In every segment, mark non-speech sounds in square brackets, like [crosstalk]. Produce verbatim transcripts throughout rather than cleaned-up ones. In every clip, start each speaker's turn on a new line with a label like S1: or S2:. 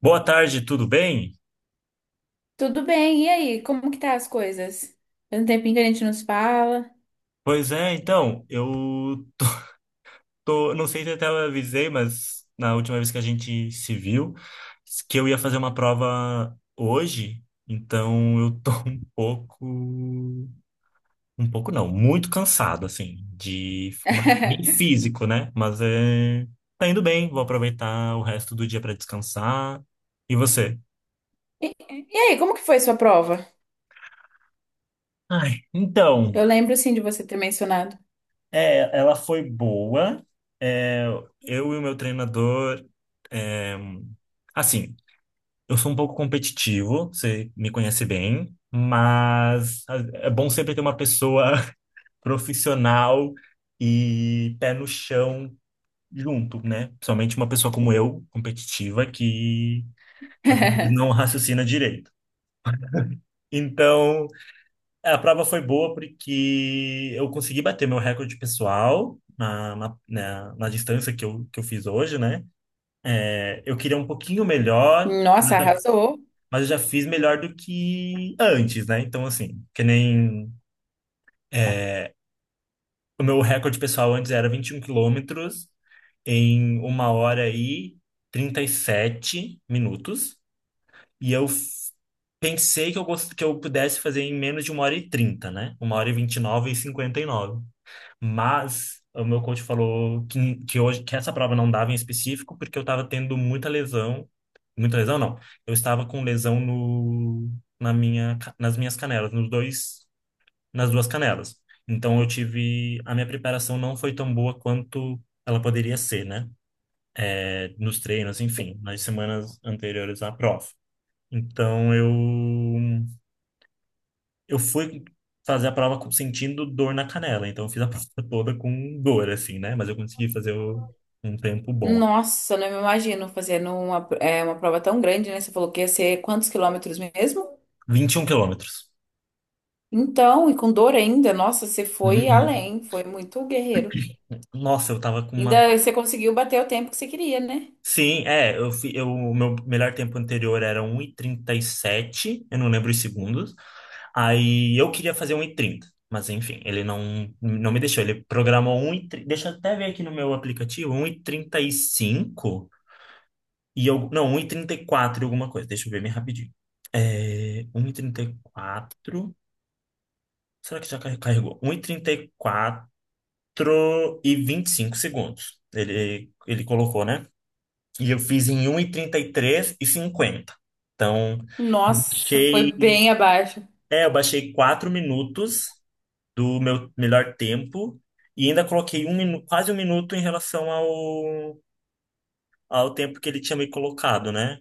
S1: Boa tarde, tudo bem?
S2: Tudo bem, e aí? Como que tá as coisas? Faz um tempinho que a gente nos fala.
S1: Pois é, então, eu tô, não sei se eu até eu avisei, mas na última vez que a gente se viu, que eu ia fazer uma prova hoje, então eu tô [laughs] um pouco, um pouco não, muito cansado, assim, de, mas bem
S2: [laughs]
S1: físico, né? Mas é, tá indo bem, vou aproveitar o resto do dia para descansar. E você?
S2: E, e aí, como que foi sua prova?
S1: Ai, então.
S2: Eu lembro sim de você ter mencionado.
S1: É, ela foi boa. É, eu e o meu treinador. É, assim, eu sou um pouco competitivo, você me conhece bem, mas é bom sempre ter uma pessoa [laughs] profissional e pé no chão junto, né? Principalmente uma pessoa como eu, competitiva, que às vezes não
S2: [laughs]
S1: raciocina direito. Então, é, a prova foi boa porque eu consegui bater meu recorde pessoal na, na, na, na distância que eu, que eu fiz hoje, né? É, eu queria um pouquinho melhor,
S2: Nossa,
S1: mas eu já
S2: arrasou.
S1: mas eu já fiz melhor do que antes, né? Então, assim, que nem é, o meu recorde pessoal antes era vinte e um quilômetros em uma hora e trinta e sete minutos. E eu f- Pensei que eu, gost... que eu pudesse fazer em menos de uma hora e trinta, né? Uma hora e vinte e nove e nove e cinquenta e nove. Mas o meu coach falou que, que hoje que essa prova não dava em específico porque eu estava tendo muita lesão, muita lesão não. Eu estava com lesão no na minha ca- nas minhas canelas, nos dois nas duas canelas. Então eu tive a minha preparação não foi tão boa quanto ela poderia ser, né? É, nos treinos, enfim, nas semanas anteriores à prova. Então eu eu fui fazer a prova com- sentindo dor na canela, então eu fiz a [laughs] prova toda com dor, assim, né? Mas eu consegui fazer o- um tempo bom.
S2: Nossa, não me imagino fazendo uma, é, uma prova tão grande, né? Você falou que ia ser quantos quilômetros mesmo?
S1: Vinte e um quilômetros.
S2: Então, e com dor ainda, nossa, você foi
S1: Uhum.
S2: além, foi muito guerreiro.
S1: Nossa, eu tava com uma.
S2: Ainda você conseguiu bater o tempo que você queria, né?
S1: Sim, é, eu, fi- eu, o meu melhor tempo anterior era um e e trinta e sete, eu não lembro os segundos. Aí eu queria fazer um e trinta, mas enfim, ele não, não me deixou. Ele programou um 1,30, deixa eu até ver aqui no meu aplicativo, um e e trinta e cinco. E eu, não, um e trinta e quatro e alguma coisa. Deixa eu ver bem rapidinho. É, um e trinta e quatro. Será que já car- carregou? Um e trinta e e e quatro, vinte e cinco segundos. Ele, ele colocou, né? E eu fiz em um e trinta e e três e cinquenta. Então, eu
S2: Nossa, foi
S1: baixei,
S2: bem abaixo.
S1: é, eu baixei quatro minutos do meu melhor tempo e ainda coloquei um, minu- quase um minuto em relação ao, ao tempo que ele tinha me colocado, né?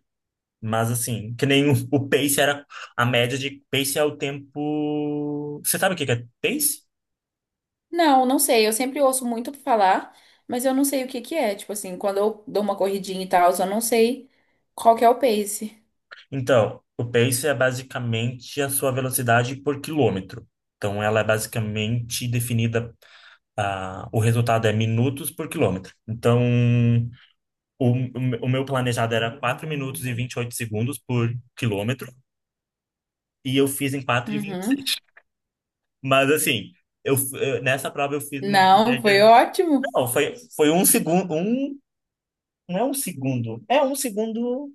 S1: Mas assim, que nem o, o pace era a média de pace, é o tempo. Você sabe o que que é pace?
S2: Não, não sei. Eu sempre ouço muito falar, mas eu não sei o que que é. Tipo assim, quando eu dou uma corridinha e tal, eu não sei qual que é o pace.
S1: Então, o pace é basicamente a sua velocidade por quilômetro. Então, ela é basicamente definida, ah, o resultado é minutos por quilômetro. Então, o, o me- o meu planejado era quatro minutos e vinte e oito segundos por quilômetro, e eu fiz em quatro e
S2: Uhum.
S1: vinte e seis. Mas assim, eu, f- eu- nessa prova eu fiz uma
S2: Não, foi
S1: estratégia.
S2: ótimo.
S1: Não, foi, foi um segundo, um Não é um segundo. É um segundo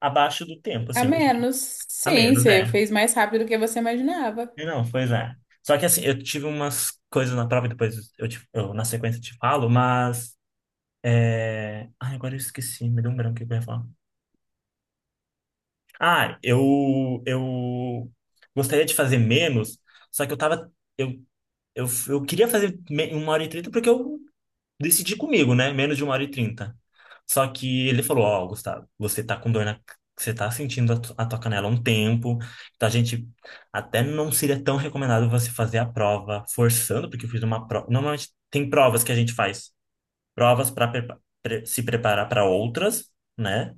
S1: abaixo do tempo,
S2: A
S1: assim.
S2: menos.
S1: A
S2: Sim,
S1: menos,
S2: você
S1: é.
S2: fez mais rápido do que você imaginava.
S1: Não, pois é. Só que assim, eu tive umas coisas na prova, depois eu, te- eu na sequência te falo, mas. É... Ai, agora eu esqueci, me deu um branco o que eu ia falar. Ah, eu, eu gostaria de fazer menos, só que eu tava. Eu, eu, eu queria fazer me- uma hora e trinta porque eu decidi comigo, né? Menos de uma hora e trinta. Só que ele falou, ó, Gustavo, você tá com dor na... Você tá sentindo a, tu- a tua canela há um tempo. Então, a gente até não seria tão recomendado você fazer a prova forçando, porque eu fiz uma prova... Normalmente tem provas que a gente faz. Provas para se preparar para outras, né?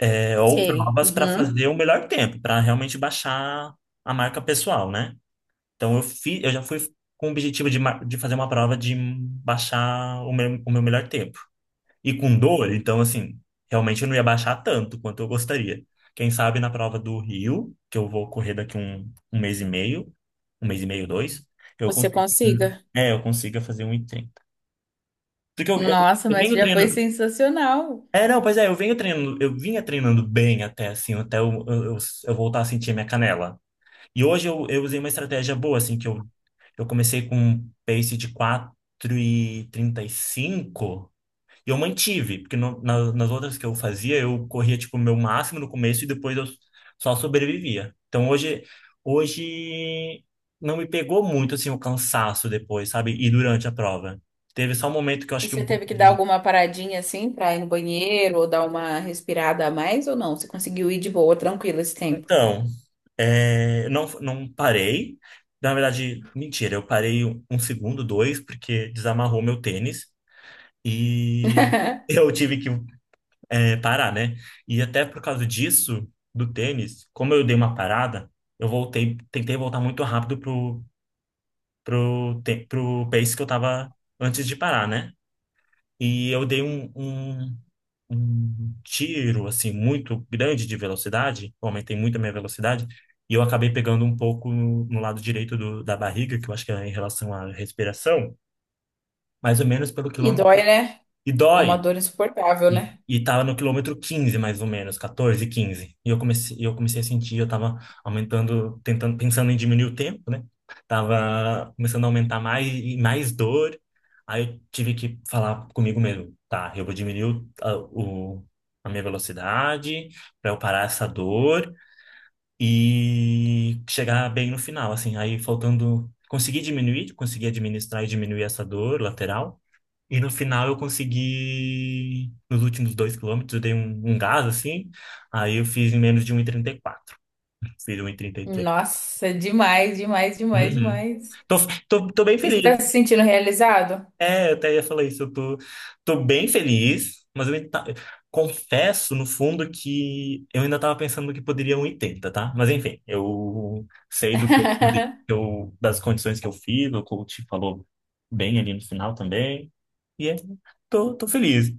S1: É, ou
S2: Sei.
S1: provas para
S2: Uhum.
S1: fazer o melhor tempo, para realmente baixar a marca pessoal, né? Então, eu fiz, eu já fui com o objetivo de, mar- de fazer uma prova de baixar o meu, o meu melhor tempo e com dor, então assim, realmente eu não ia baixar tanto quanto eu gostaria. Quem sabe na prova do Rio, que eu vou correr daqui um, um mês e meio, um mês e meio, dois, eu
S2: Você
S1: consigo,
S2: consiga.
S1: é, eu consiga fazer um e trinta. Porque eu, eu,
S2: Nossa,
S1: eu
S2: mas
S1: venho
S2: já foi
S1: treinando.
S2: sensacional.
S1: É, não, pois é, eu venho treinando, eu vinha treinando bem até assim, até eu, eu, eu eu voltar a sentir minha canela. E hoje eu, eu usei uma estratégia boa, assim, que eu, eu comecei com um pace de quatro e e trinta e cinco, e eu mantive, porque no- na- nas outras que eu fazia, eu corria, tipo, o meu máximo no começo e depois eu só sobrevivia. Então, hoje, hoje não me pegou muito, assim, o cansaço depois, sabe? E durante a prova. Teve só um momento que eu acho
S2: E
S1: que
S2: você
S1: um pouco
S2: teve que dar
S1: de...
S2: alguma paradinha assim pra ir no banheiro ou dar uma respirada a mais ou não? Você conseguiu ir de boa, tranquilo esse tempo.
S1: Então, é, não, não parei. Na verdade, mentira, eu parei um um segundo, dois, porque desamarrou meu tênis. E [laughs]
S2: [laughs]
S1: eu tive que é, parar, né? E até por causa disso, do tênis, como eu dei uma parada, eu voltei, tentei voltar muito rápido pro, pro, te- pro pace que eu tava antes de parar, né? E eu dei um, um, um tiro, assim, muito grande de velocidade, eu aumentei muito a minha velocidade, e eu acabei pegando um pouco no, no lado direito do, da barriga, que eu acho que é em relação à respiração, mais ou menos pelo
S2: E
S1: quilômetro.
S2: dói, né?
S1: E
S2: É uma
S1: dói.
S2: dor insuportável,
S1: E,
S2: né?
S1: e tava no quilômetro quinze mais ou menos, quatorze, quinze. E eu comecei, eu comecei a sentir, eu tava aumentando, tentando, pensando em diminuir o tempo, né? Tava começando a aumentar mais e mais dor. Aí eu tive que falar comigo mesmo, tá, eu vou diminuir o, a, o- a minha velocidade para eu parar essa dor e chegar bem no final, assim. Aí faltando, consegui diminuir, consegui administrar e diminuir essa dor lateral. E no final eu consegui, nos últimos dois quilômetros, eu dei um, um gás assim, aí eu fiz em menos de um e trinta e quatro. Fiz um 1,33.
S2: Nossa, demais, demais, demais,
S1: Uhum.
S2: demais.
S1: Tô, tô, tô bem
S2: E você
S1: feliz.
S2: tá se sentindo realizado?
S1: É, eu até ia falar isso. Eu tô, tô bem feliz, mas eu ainda tá- confesso, no fundo, que eu ainda tava pensando que poderia um oitenta, tá? Mas enfim, eu sei do que eu, do que
S2: [laughs]
S1: eu- das condições que eu fiz, o coach falou bem ali no final também. E é, tô, tô feliz.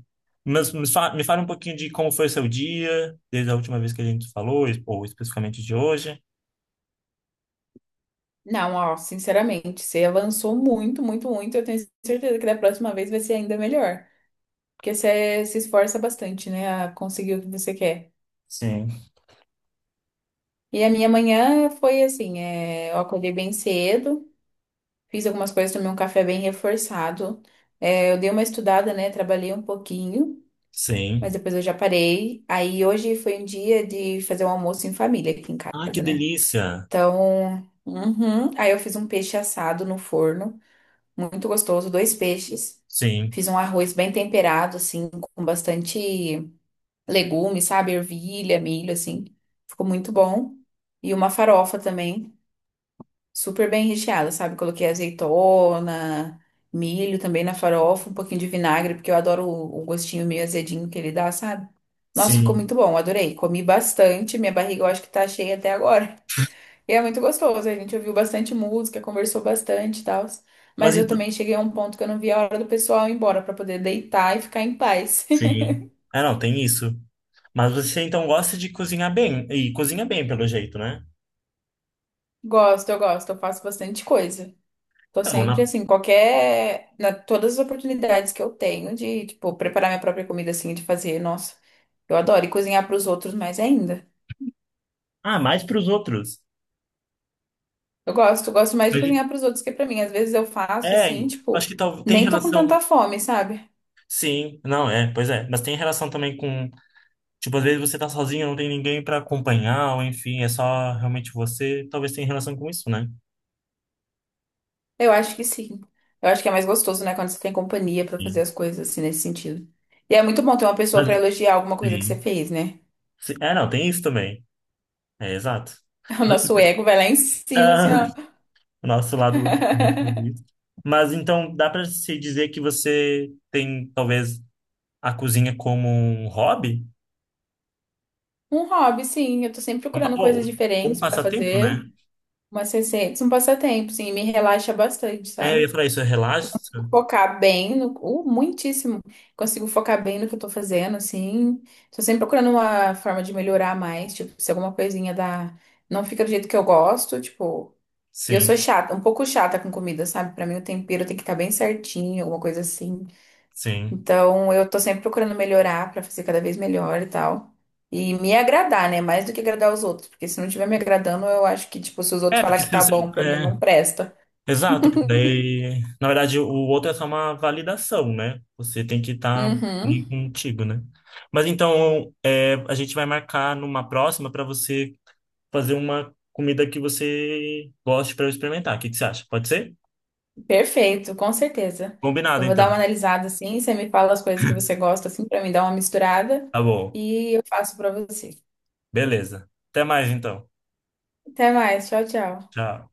S1: Mas me fa- me fala um pouquinho de como foi o seu dia, desde a última vez que a gente falou, ou especificamente de hoje.
S2: Não, ó, sinceramente, você avançou muito, muito, muito. Eu tenho certeza que da próxima vez vai ser ainda melhor. Porque você se esforça bastante, né, a conseguir o que você quer.
S1: Sim.
S2: E a minha manhã foi assim: é, eu acordei bem cedo, fiz algumas coisas, tomei um café bem reforçado. É, eu dei uma estudada, né, trabalhei um pouquinho, mas
S1: Sim.
S2: depois eu já parei. Aí hoje foi um dia de fazer um almoço em família aqui em
S1: Ah, que
S2: casa, né?
S1: delícia!
S2: Então, uhum. Aí eu fiz um peixe assado no forno, muito gostoso, dois peixes.
S1: Sim,
S2: Fiz um arroz bem temperado, assim, com bastante legumes, sabe? Ervilha, milho, assim. Ficou muito bom. E uma farofa também, super bem recheada, sabe? Coloquei azeitona, milho também na farofa, um pouquinho de vinagre, porque eu adoro o o gostinho meio azedinho que ele dá, sabe? Nossa, ficou
S1: sim.
S2: muito bom, adorei. Comi bastante, minha barriga eu acho que tá cheia até agora. E é muito gostoso, a gente ouviu bastante música, conversou bastante e tal. Mas
S1: Mas
S2: eu
S1: então,
S2: também cheguei a um ponto que eu não via a hora do pessoal ir embora pra poder deitar e ficar em paz.
S1: sim. É, não, tem isso. Mas você então gosta de cozinhar bem. E cozinha bem, pelo jeito, né?
S2: [laughs] Gosto, eu gosto, eu faço bastante coisa. Tô
S1: Então,
S2: sempre
S1: na...
S2: assim, qualquer, na todas as oportunidades que eu tenho de, tipo, preparar minha própria comida assim, de fazer, nossa, eu adoro e cozinhar pros outros mais ainda.
S1: Ah, mais para os outros.
S2: Eu gosto, gosto mais de
S1: Mas,
S2: cozinhar pros outros que pra mim. Às vezes eu faço
S1: é,
S2: assim,
S1: e acho
S2: tipo,
S1: que tal... tem
S2: nem tô com
S1: relação.
S2: tanta fome, sabe?
S1: Sim, não, é, pois é. Mas tem relação também com. Tipo, às vezes você tá sozinho, não tem ninguém para acompanhar, ou enfim, é só realmente você. Talvez tenha relação com isso, né?
S2: Eu acho que sim. Eu acho que é mais gostoso, né, quando você tem companhia pra fazer
S1: Sim.
S2: as coisas assim nesse sentido. E é muito bom ter uma pessoa
S1: Mas,
S2: pra elogiar alguma coisa que você
S1: sim.
S2: fez, né?
S1: Sim. É, não, tem isso também. É, exato.
S2: [laughs] O
S1: Mas-
S2: nosso ego vai lá em cima, assim, ó.
S1: [laughs] o nosso lado latino
S2: [laughs]
S1: aqui. Mas então dá para se dizer que você tem talvez a cozinha como um hobby?
S2: Um hobby, sim. Eu tô sempre
S1: Um pa-
S2: procurando
S1: Ou
S2: coisas
S1: ou um
S2: diferentes pra
S1: passatempo, né?
S2: fazer. Umas receitas, um passatempo, sim. Me relaxa bastante,
S1: É, eu
S2: sabe?
S1: ia falar isso, é relaxa?
S2: Consigo focar bem no... Uh, muitíssimo. Consigo focar bem no que eu tô fazendo, assim. Tô sempre procurando uma forma de melhorar mais. Tipo, se alguma coisinha dá... Não fica do jeito que eu gosto, tipo... E eu sou
S1: Sim,
S2: chata, um pouco chata com comida, sabe? Pra mim o tempero tem que estar bem certinho, alguma coisa assim.
S1: sim.
S2: Então eu tô sempre procurando melhorar pra fazer cada vez melhor e tal. E me agradar, né? Mais do que agradar os outros, porque se não estiver me agradando, eu acho que, tipo, se os outros
S1: É,
S2: falar
S1: porque
S2: que
S1: se
S2: tá
S1: você.
S2: bom, pra mim
S1: É,
S2: não presta.
S1: exato, porque daí. Na verdade, o outro é só uma validação, né? Você tem que estar
S2: Uhum.
S1: contigo, né? Mas então, é, a gente vai marcar numa próxima para você fazer uma comida que você goste para eu experimentar. O que que você acha? Pode ser?
S2: Perfeito, com certeza.
S1: Combinado,
S2: Eu vou dar uma
S1: então.
S2: analisada assim, você me fala as coisas que você gosta assim pra mim dar uma misturada
S1: Tá bom.
S2: e eu faço pra você.
S1: Beleza. Até mais, então.
S2: Até mais, tchau, tchau.
S1: Tchau.